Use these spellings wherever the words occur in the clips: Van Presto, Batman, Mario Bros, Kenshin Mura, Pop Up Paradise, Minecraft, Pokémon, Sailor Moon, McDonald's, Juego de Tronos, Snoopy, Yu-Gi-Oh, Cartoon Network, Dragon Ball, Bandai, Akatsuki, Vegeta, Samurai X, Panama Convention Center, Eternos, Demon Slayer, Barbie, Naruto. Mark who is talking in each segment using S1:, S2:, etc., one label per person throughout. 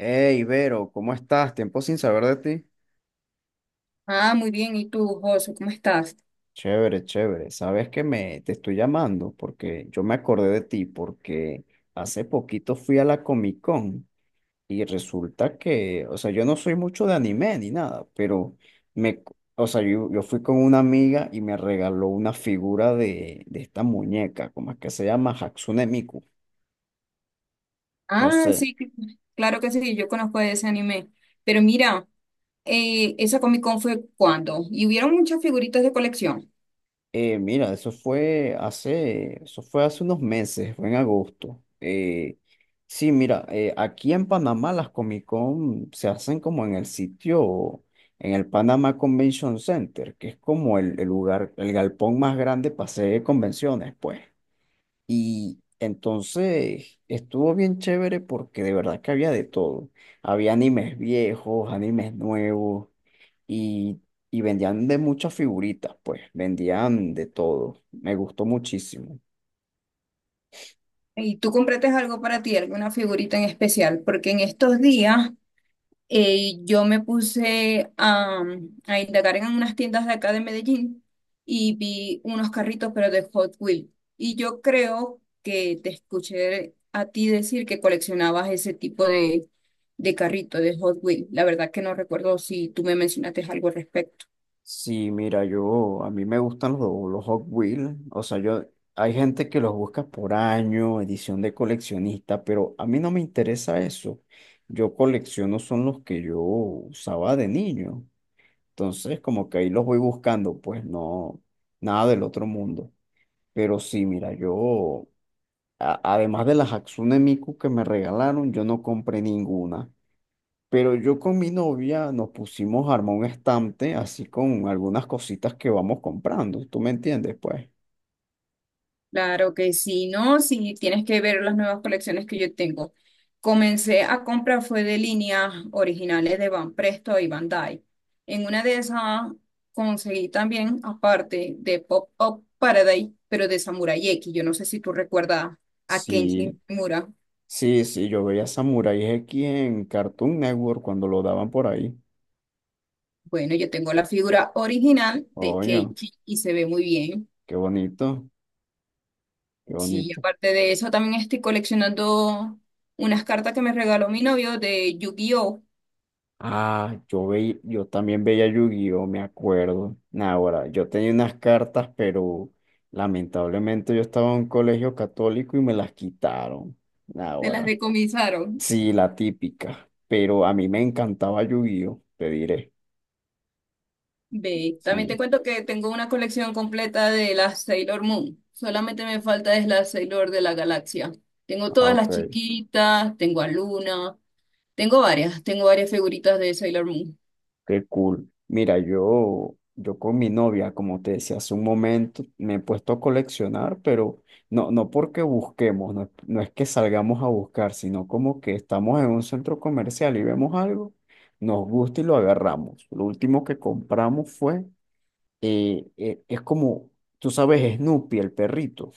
S1: Hey, Vero, ¿cómo estás? Tiempo sin saber de ti.
S2: Ah, muy bien. ¿Y tú, Josu, cómo estás?
S1: Chévere, chévere. Sabes que me te estoy llamando porque yo me acordé de ti porque hace poquito fui a la Comic Con y resulta que, o sea, yo no soy mucho de anime ni nada, pero me, o sea, yo fui con una amiga y me regaló una figura de esta muñeca, ¿cómo es que se llama? Hatsune Miku. No
S2: Ah,
S1: sé.
S2: sí, claro que sí, yo conozco de ese anime. Pero mira, esa Comic Con fue cuando y hubieron muchas figuritas de colección.
S1: Eso fue hace unos meses, fue en agosto. Sí, mira, aquí en Panamá las Comic Con se hacen como en el sitio, en el Panama Convention Center, que es como el lugar, el galpón más grande para hacer convenciones, pues. Y entonces estuvo bien chévere porque de verdad que había de todo. Había animes viejos, animes nuevos y, y vendían de muchas figuritas, pues, vendían de todo. Me gustó muchísimo.
S2: ¿Y tú compraste algo para ti, alguna figurita en especial? Porque en estos días yo me puse a, indagar en unas tiendas de acá de Medellín y vi unos carritos, pero de Hot Wheels. Y yo creo que te escuché a ti decir que coleccionabas ese tipo de, carrito de Hot Wheels. La verdad que no recuerdo si tú me mencionaste algo al respecto.
S1: Sí, mira, yo, a mí me gustan los Hot Wheels, o sea, yo, hay gente que los busca por año, edición de coleccionista, pero a mí no me interesa eso. Yo colecciono son los que yo usaba de niño, entonces como que ahí los voy buscando, pues no, nada del otro mundo. Pero sí, mira, yo además de las Hatsune Miku que me regalaron, yo no compré ninguna. Pero yo con mi novia nos pusimos a armar un estante así con algunas cositas que vamos comprando. ¿Tú me entiendes? Pues
S2: Claro que sí, ¿no? Sí, tienes que ver las nuevas colecciones que yo tengo. Comencé a comprar fue de líneas originales de Van Presto y Bandai. En una de esas conseguí también, aparte de Pop Up Paradise, pero de Samurai X. Yo no sé si tú recuerdas a Kenshin
S1: sí,
S2: Mura.
S1: sí, sí, yo veía Samurai X en Cartoon Network cuando lo daban por ahí.
S2: Bueno, yo tengo la figura original de
S1: Oye,
S2: Kenshin y se ve muy bien.
S1: qué bonito, qué
S2: Sí,
S1: bonito.
S2: aparte de eso, también estoy coleccionando unas cartas que me regaló mi novio de Yu-Gi-Oh!
S1: Ah, yo también veía Yu-Gi-Oh, me acuerdo. Nah, ahora, yo tenía unas cartas, pero lamentablemente yo estaba en un colegio católico y me las quitaron. Nah,
S2: Te las
S1: ahora,
S2: decomisaron.
S1: sí, la típica. Pero a mí me encantaba Yu-Gi-Oh, te diré.
S2: Ve, también te
S1: Sí.
S2: cuento que tengo una colección completa de las Sailor Moon. Solamente me falta es la Sailor de la Galaxia. Tengo
S1: Ah,
S2: todas las
S1: ok.
S2: chiquitas, tengo a Luna, tengo varias figuritas de Sailor Moon.
S1: Qué cool. Mira, yo con mi novia, como te decía hace un momento, me he puesto a coleccionar, pero no, no porque busquemos, no, no es que salgamos a buscar, sino como que estamos en un centro comercial y vemos algo, nos gusta y lo agarramos. Lo último que compramos fue, es como, tú sabes, Snoopy, el perrito.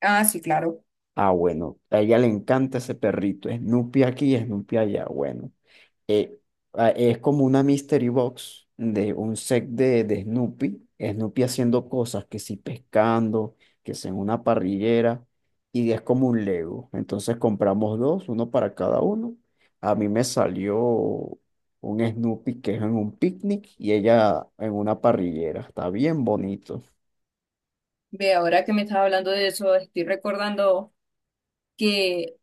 S2: Ah, sí, claro.
S1: Ah, bueno, a ella le encanta ese perrito, Snoopy aquí, Snoopy allá, bueno eh, es como una mystery box de un set de Snoopy, Snoopy haciendo cosas, que si pescando, que si en una parrillera, y es como un Lego. Entonces compramos dos, uno para cada uno. A mí me salió un Snoopy que es en un picnic y ella en una parrillera. Está bien bonito,
S2: Ve, ahora que me estás hablando de eso, estoy recordando que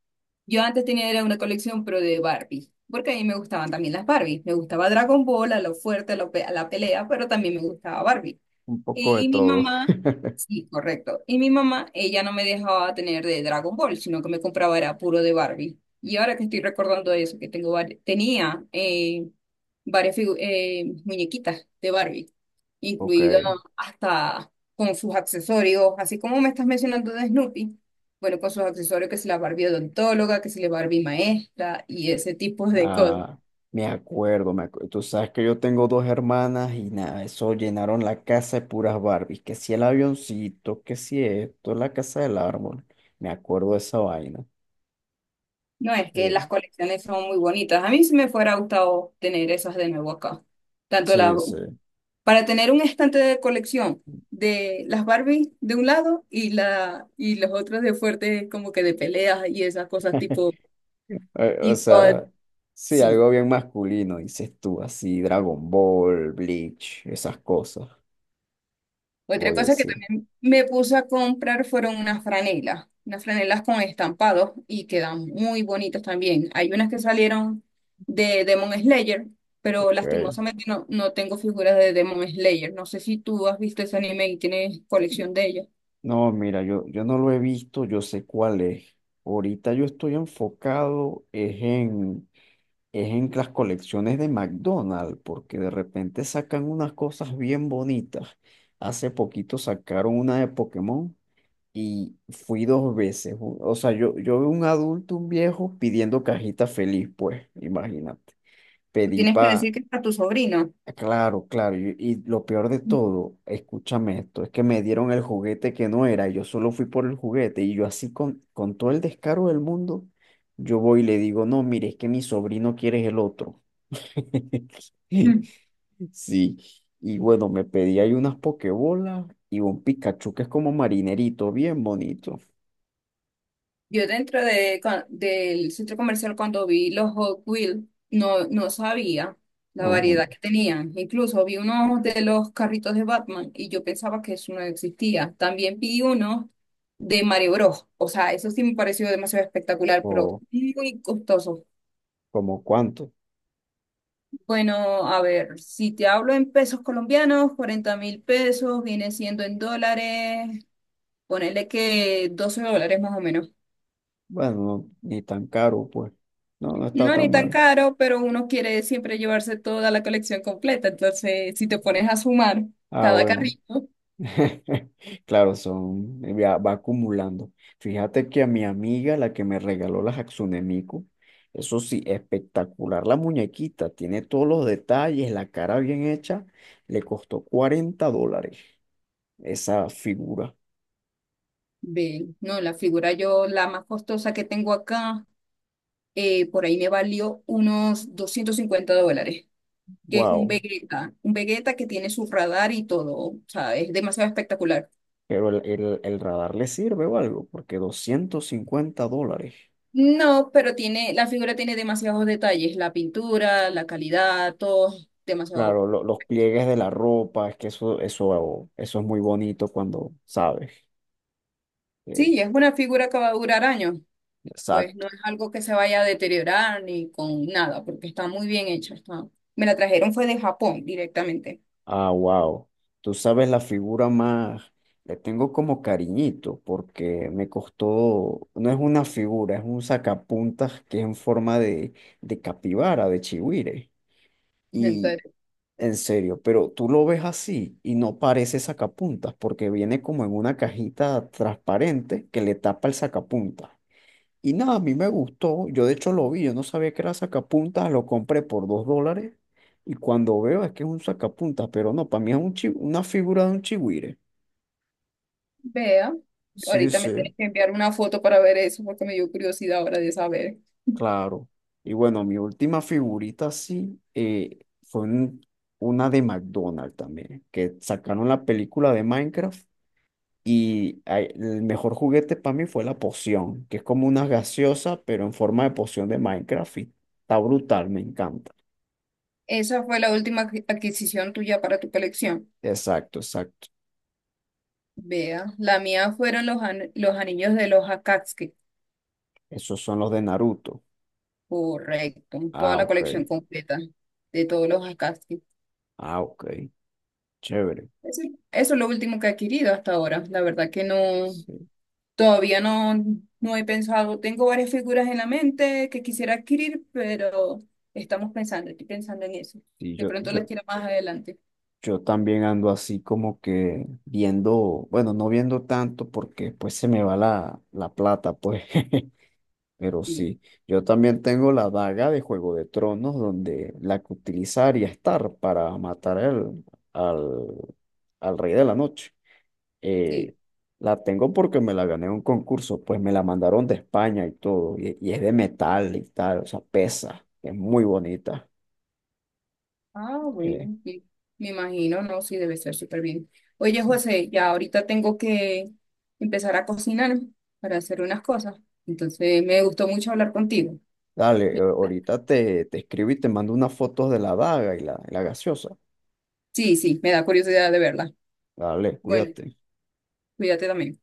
S2: yo antes tenía era una colección, pero de Barbie, porque a mí me gustaban también las Barbie. Me gustaba Dragon Ball, a lo fuerte, a la pelea, pero también me gustaba Barbie.
S1: un poco de
S2: Y mi
S1: todo.
S2: mamá, sí, correcto. Y mi mamá, ella no me dejaba tener de Dragon Ball, sino que me compraba era puro de Barbie. Y ahora que estoy recordando eso, que tengo tenía varias muñequitas de Barbie,
S1: Ok.
S2: incluido hasta con sus accesorios, así como me estás mencionando de Snoopy, bueno, con sus accesorios, que si la Barbie odontóloga, que si la Barbie maestra y ese tipo de cosas.
S1: Ah, me acuerdo, me acuerdo. Tú sabes que yo tengo dos hermanas y nada, eso llenaron la casa de puras Barbies. Que si el avioncito, que si esto, la casa del árbol. Me acuerdo de esa vaina.
S2: No, es que las
S1: Eh,
S2: colecciones son muy bonitas. A mí sí me fuera gustado tener esas de nuevo acá. Tanto las
S1: sí, sí.
S2: para tener un estante de colección de las Barbie de un lado y la y los otros de fuertes como que de peleas y esas cosas tipo
S1: Eh, o
S2: tipo
S1: sea, sí,
S2: sí.
S1: algo bien masculino, dices tú, así, Dragon Ball, Bleach, esas cosas.
S2: Otra
S1: Oye,
S2: cosa que
S1: sí.
S2: también me puse a comprar fueron unas franelas con estampados y quedan muy bonitas también. Hay unas que salieron de Demon Slayer, pero
S1: Ok.
S2: lastimosamente no tengo figuras de Demon Slayer. No sé si tú has visto ese anime y tienes colección de ellas.
S1: No, mira, yo no lo he visto, yo sé cuál es. Ahorita yo estoy enfocado es en las colecciones de McDonald's, porque de repente sacan unas cosas bien bonitas. Hace poquito sacaron una de Pokémon y fui dos veces. O sea, yo, yo vi un adulto, un viejo, pidiendo cajita feliz, pues, imagínate. Pedí
S2: Tienes que
S1: para...
S2: decir que es para tu sobrino.
S1: Claro, claro. Y lo peor de todo, escúchame esto, es que me dieron el juguete que no era, y yo solo fui por el juguete y yo así con todo el descaro del mundo, yo voy y le digo, no, mire, es que mi sobrino quiere el otro.
S2: Ujú.
S1: Sí, y bueno, me pedí ahí unas pokebolas y un Pikachu que es como marinerito, bien bonito.
S2: Yo dentro de, del centro comercial cuando vi los Hot Wheels, no sabía la
S1: Ujú.
S2: variedad que tenían. Incluso vi unos de los carritos de Batman y yo pensaba que eso no existía. También vi unos de Mario Bros. O sea, eso sí me pareció demasiado espectacular, pero
S1: O
S2: muy costoso.
S1: como cuánto.
S2: Bueno, a ver, si te hablo en pesos colombianos, 40.000 pesos, viene siendo en dólares, ponele que $12 más o menos.
S1: Bueno, no, ni tan caro, pues. No, no está
S2: No, ni
S1: tan
S2: tan
S1: mal.
S2: caro, pero uno quiere siempre llevarse toda la colección completa. Entonces, si te pones a sumar
S1: Ah,
S2: cada
S1: bueno.
S2: carrito,
S1: Claro, son, ya va acumulando. Fíjate que a mi amiga, la que me regaló las Hatsune Miku, eso sí, espectacular la muñequita, tiene todos los detalles, la cara bien hecha, le costó $40. Esa figura.
S2: ve, no, la figura yo, la más costosa que tengo acá, por ahí me valió unos $250, que es
S1: Wow.
S2: Un Vegeta que tiene su radar y todo, o sea, es demasiado espectacular.
S1: Pero el radar le sirve o algo, porque $250.
S2: No, pero tiene, la figura tiene demasiados detalles, la pintura, la calidad, todo, demasiado.
S1: Claro, los pliegues de la ropa, es que eso es muy bonito cuando sabes. Eh,
S2: Sí, es una figura que va a durar años. Pues
S1: exacto.
S2: no es algo que se vaya a deteriorar ni con nada, porque está muy bien hecha. Está... Me la trajeron fue de Japón directamente.
S1: Ah, wow. Tú sabes la figura más. Le tengo como cariñito, porque me costó. No es una figura, es un sacapuntas que es en forma de capibara, de chigüire.
S2: Entonces,
S1: En serio, pero tú lo ves así y no parece sacapuntas porque viene como en una cajita transparente que le tapa el sacapuntas. Y nada, a mí me gustó, yo de hecho lo vi, yo no sabía que era sacapuntas, lo compré por $2 y cuando veo es que es un sacapuntas, pero no, para mí es un una figura de un chigüire.
S2: vea,
S1: Sí,
S2: ahorita me tienes
S1: sí,
S2: que enviar una foto para ver eso, porque me dio curiosidad ahora de saber.
S1: claro. Y bueno, mi última figurita así fue una de McDonald's también, que sacaron la película de Minecraft. Y ay, el mejor juguete para mí fue la poción, que es como una gaseosa, pero en forma de poción de Minecraft. Y está brutal, me encanta.
S2: Esa fue la última adquisición tuya para tu colección.
S1: Exacto, exacto.
S2: Vea, la mía fueron los, los anillos de los Akatsuki.
S1: Esos son los de Naruto.
S2: Correcto, toda
S1: Ah,
S2: la
S1: ok.
S2: colección completa de todos los Akatsuki.
S1: Ah, ok. Chévere.
S2: Eso, eso es lo último que he adquirido hasta ahora. La verdad que no.
S1: Sí.
S2: Todavía no, no he pensado, tengo varias figuras en la mente que quisiera adquirir, pero estamos pensando, estoy pensando en eso.
S1: Y
S2: De
S1: yo,
S2: pronto las
S1: yo,
S2: quiero más adelante.
S1: yo también ando así como que viendo, bueno, no viendo tanto porque pues se me va la plata, pues. Pero
S2: Sí,
S1: sí, yo también tengo la daga de Juego de Tronos, donde la que utilizaría estar para matar al, al Rey de la Noche.
S2: sí.
S1: Eh, la tengo porque me la gané en un concurso, pues me la mandaron de España y todo, y es de metal y tal, o sea, pesa, es muy bonita.
S2: Ah,
S1: Eh,
S2: bueno, sí. Me imagino, no, sí, debe ser súper bien. Oye,
S1: sí.
S2: José, ya ahorita tengo que empezar a cocinar para hacer unas cosas. Entonces, me gustó mucho hablar contigo.
S1: Dale,
S2: Y-
S1: ahorita te escribo y te mando unas fotos de la daga y y la gaseosa.
S2: Sí, sí, me da curiosidad de verla.
S1: Dale,
S2: Bueno,
S1: cuídate.
S2: cuídate también.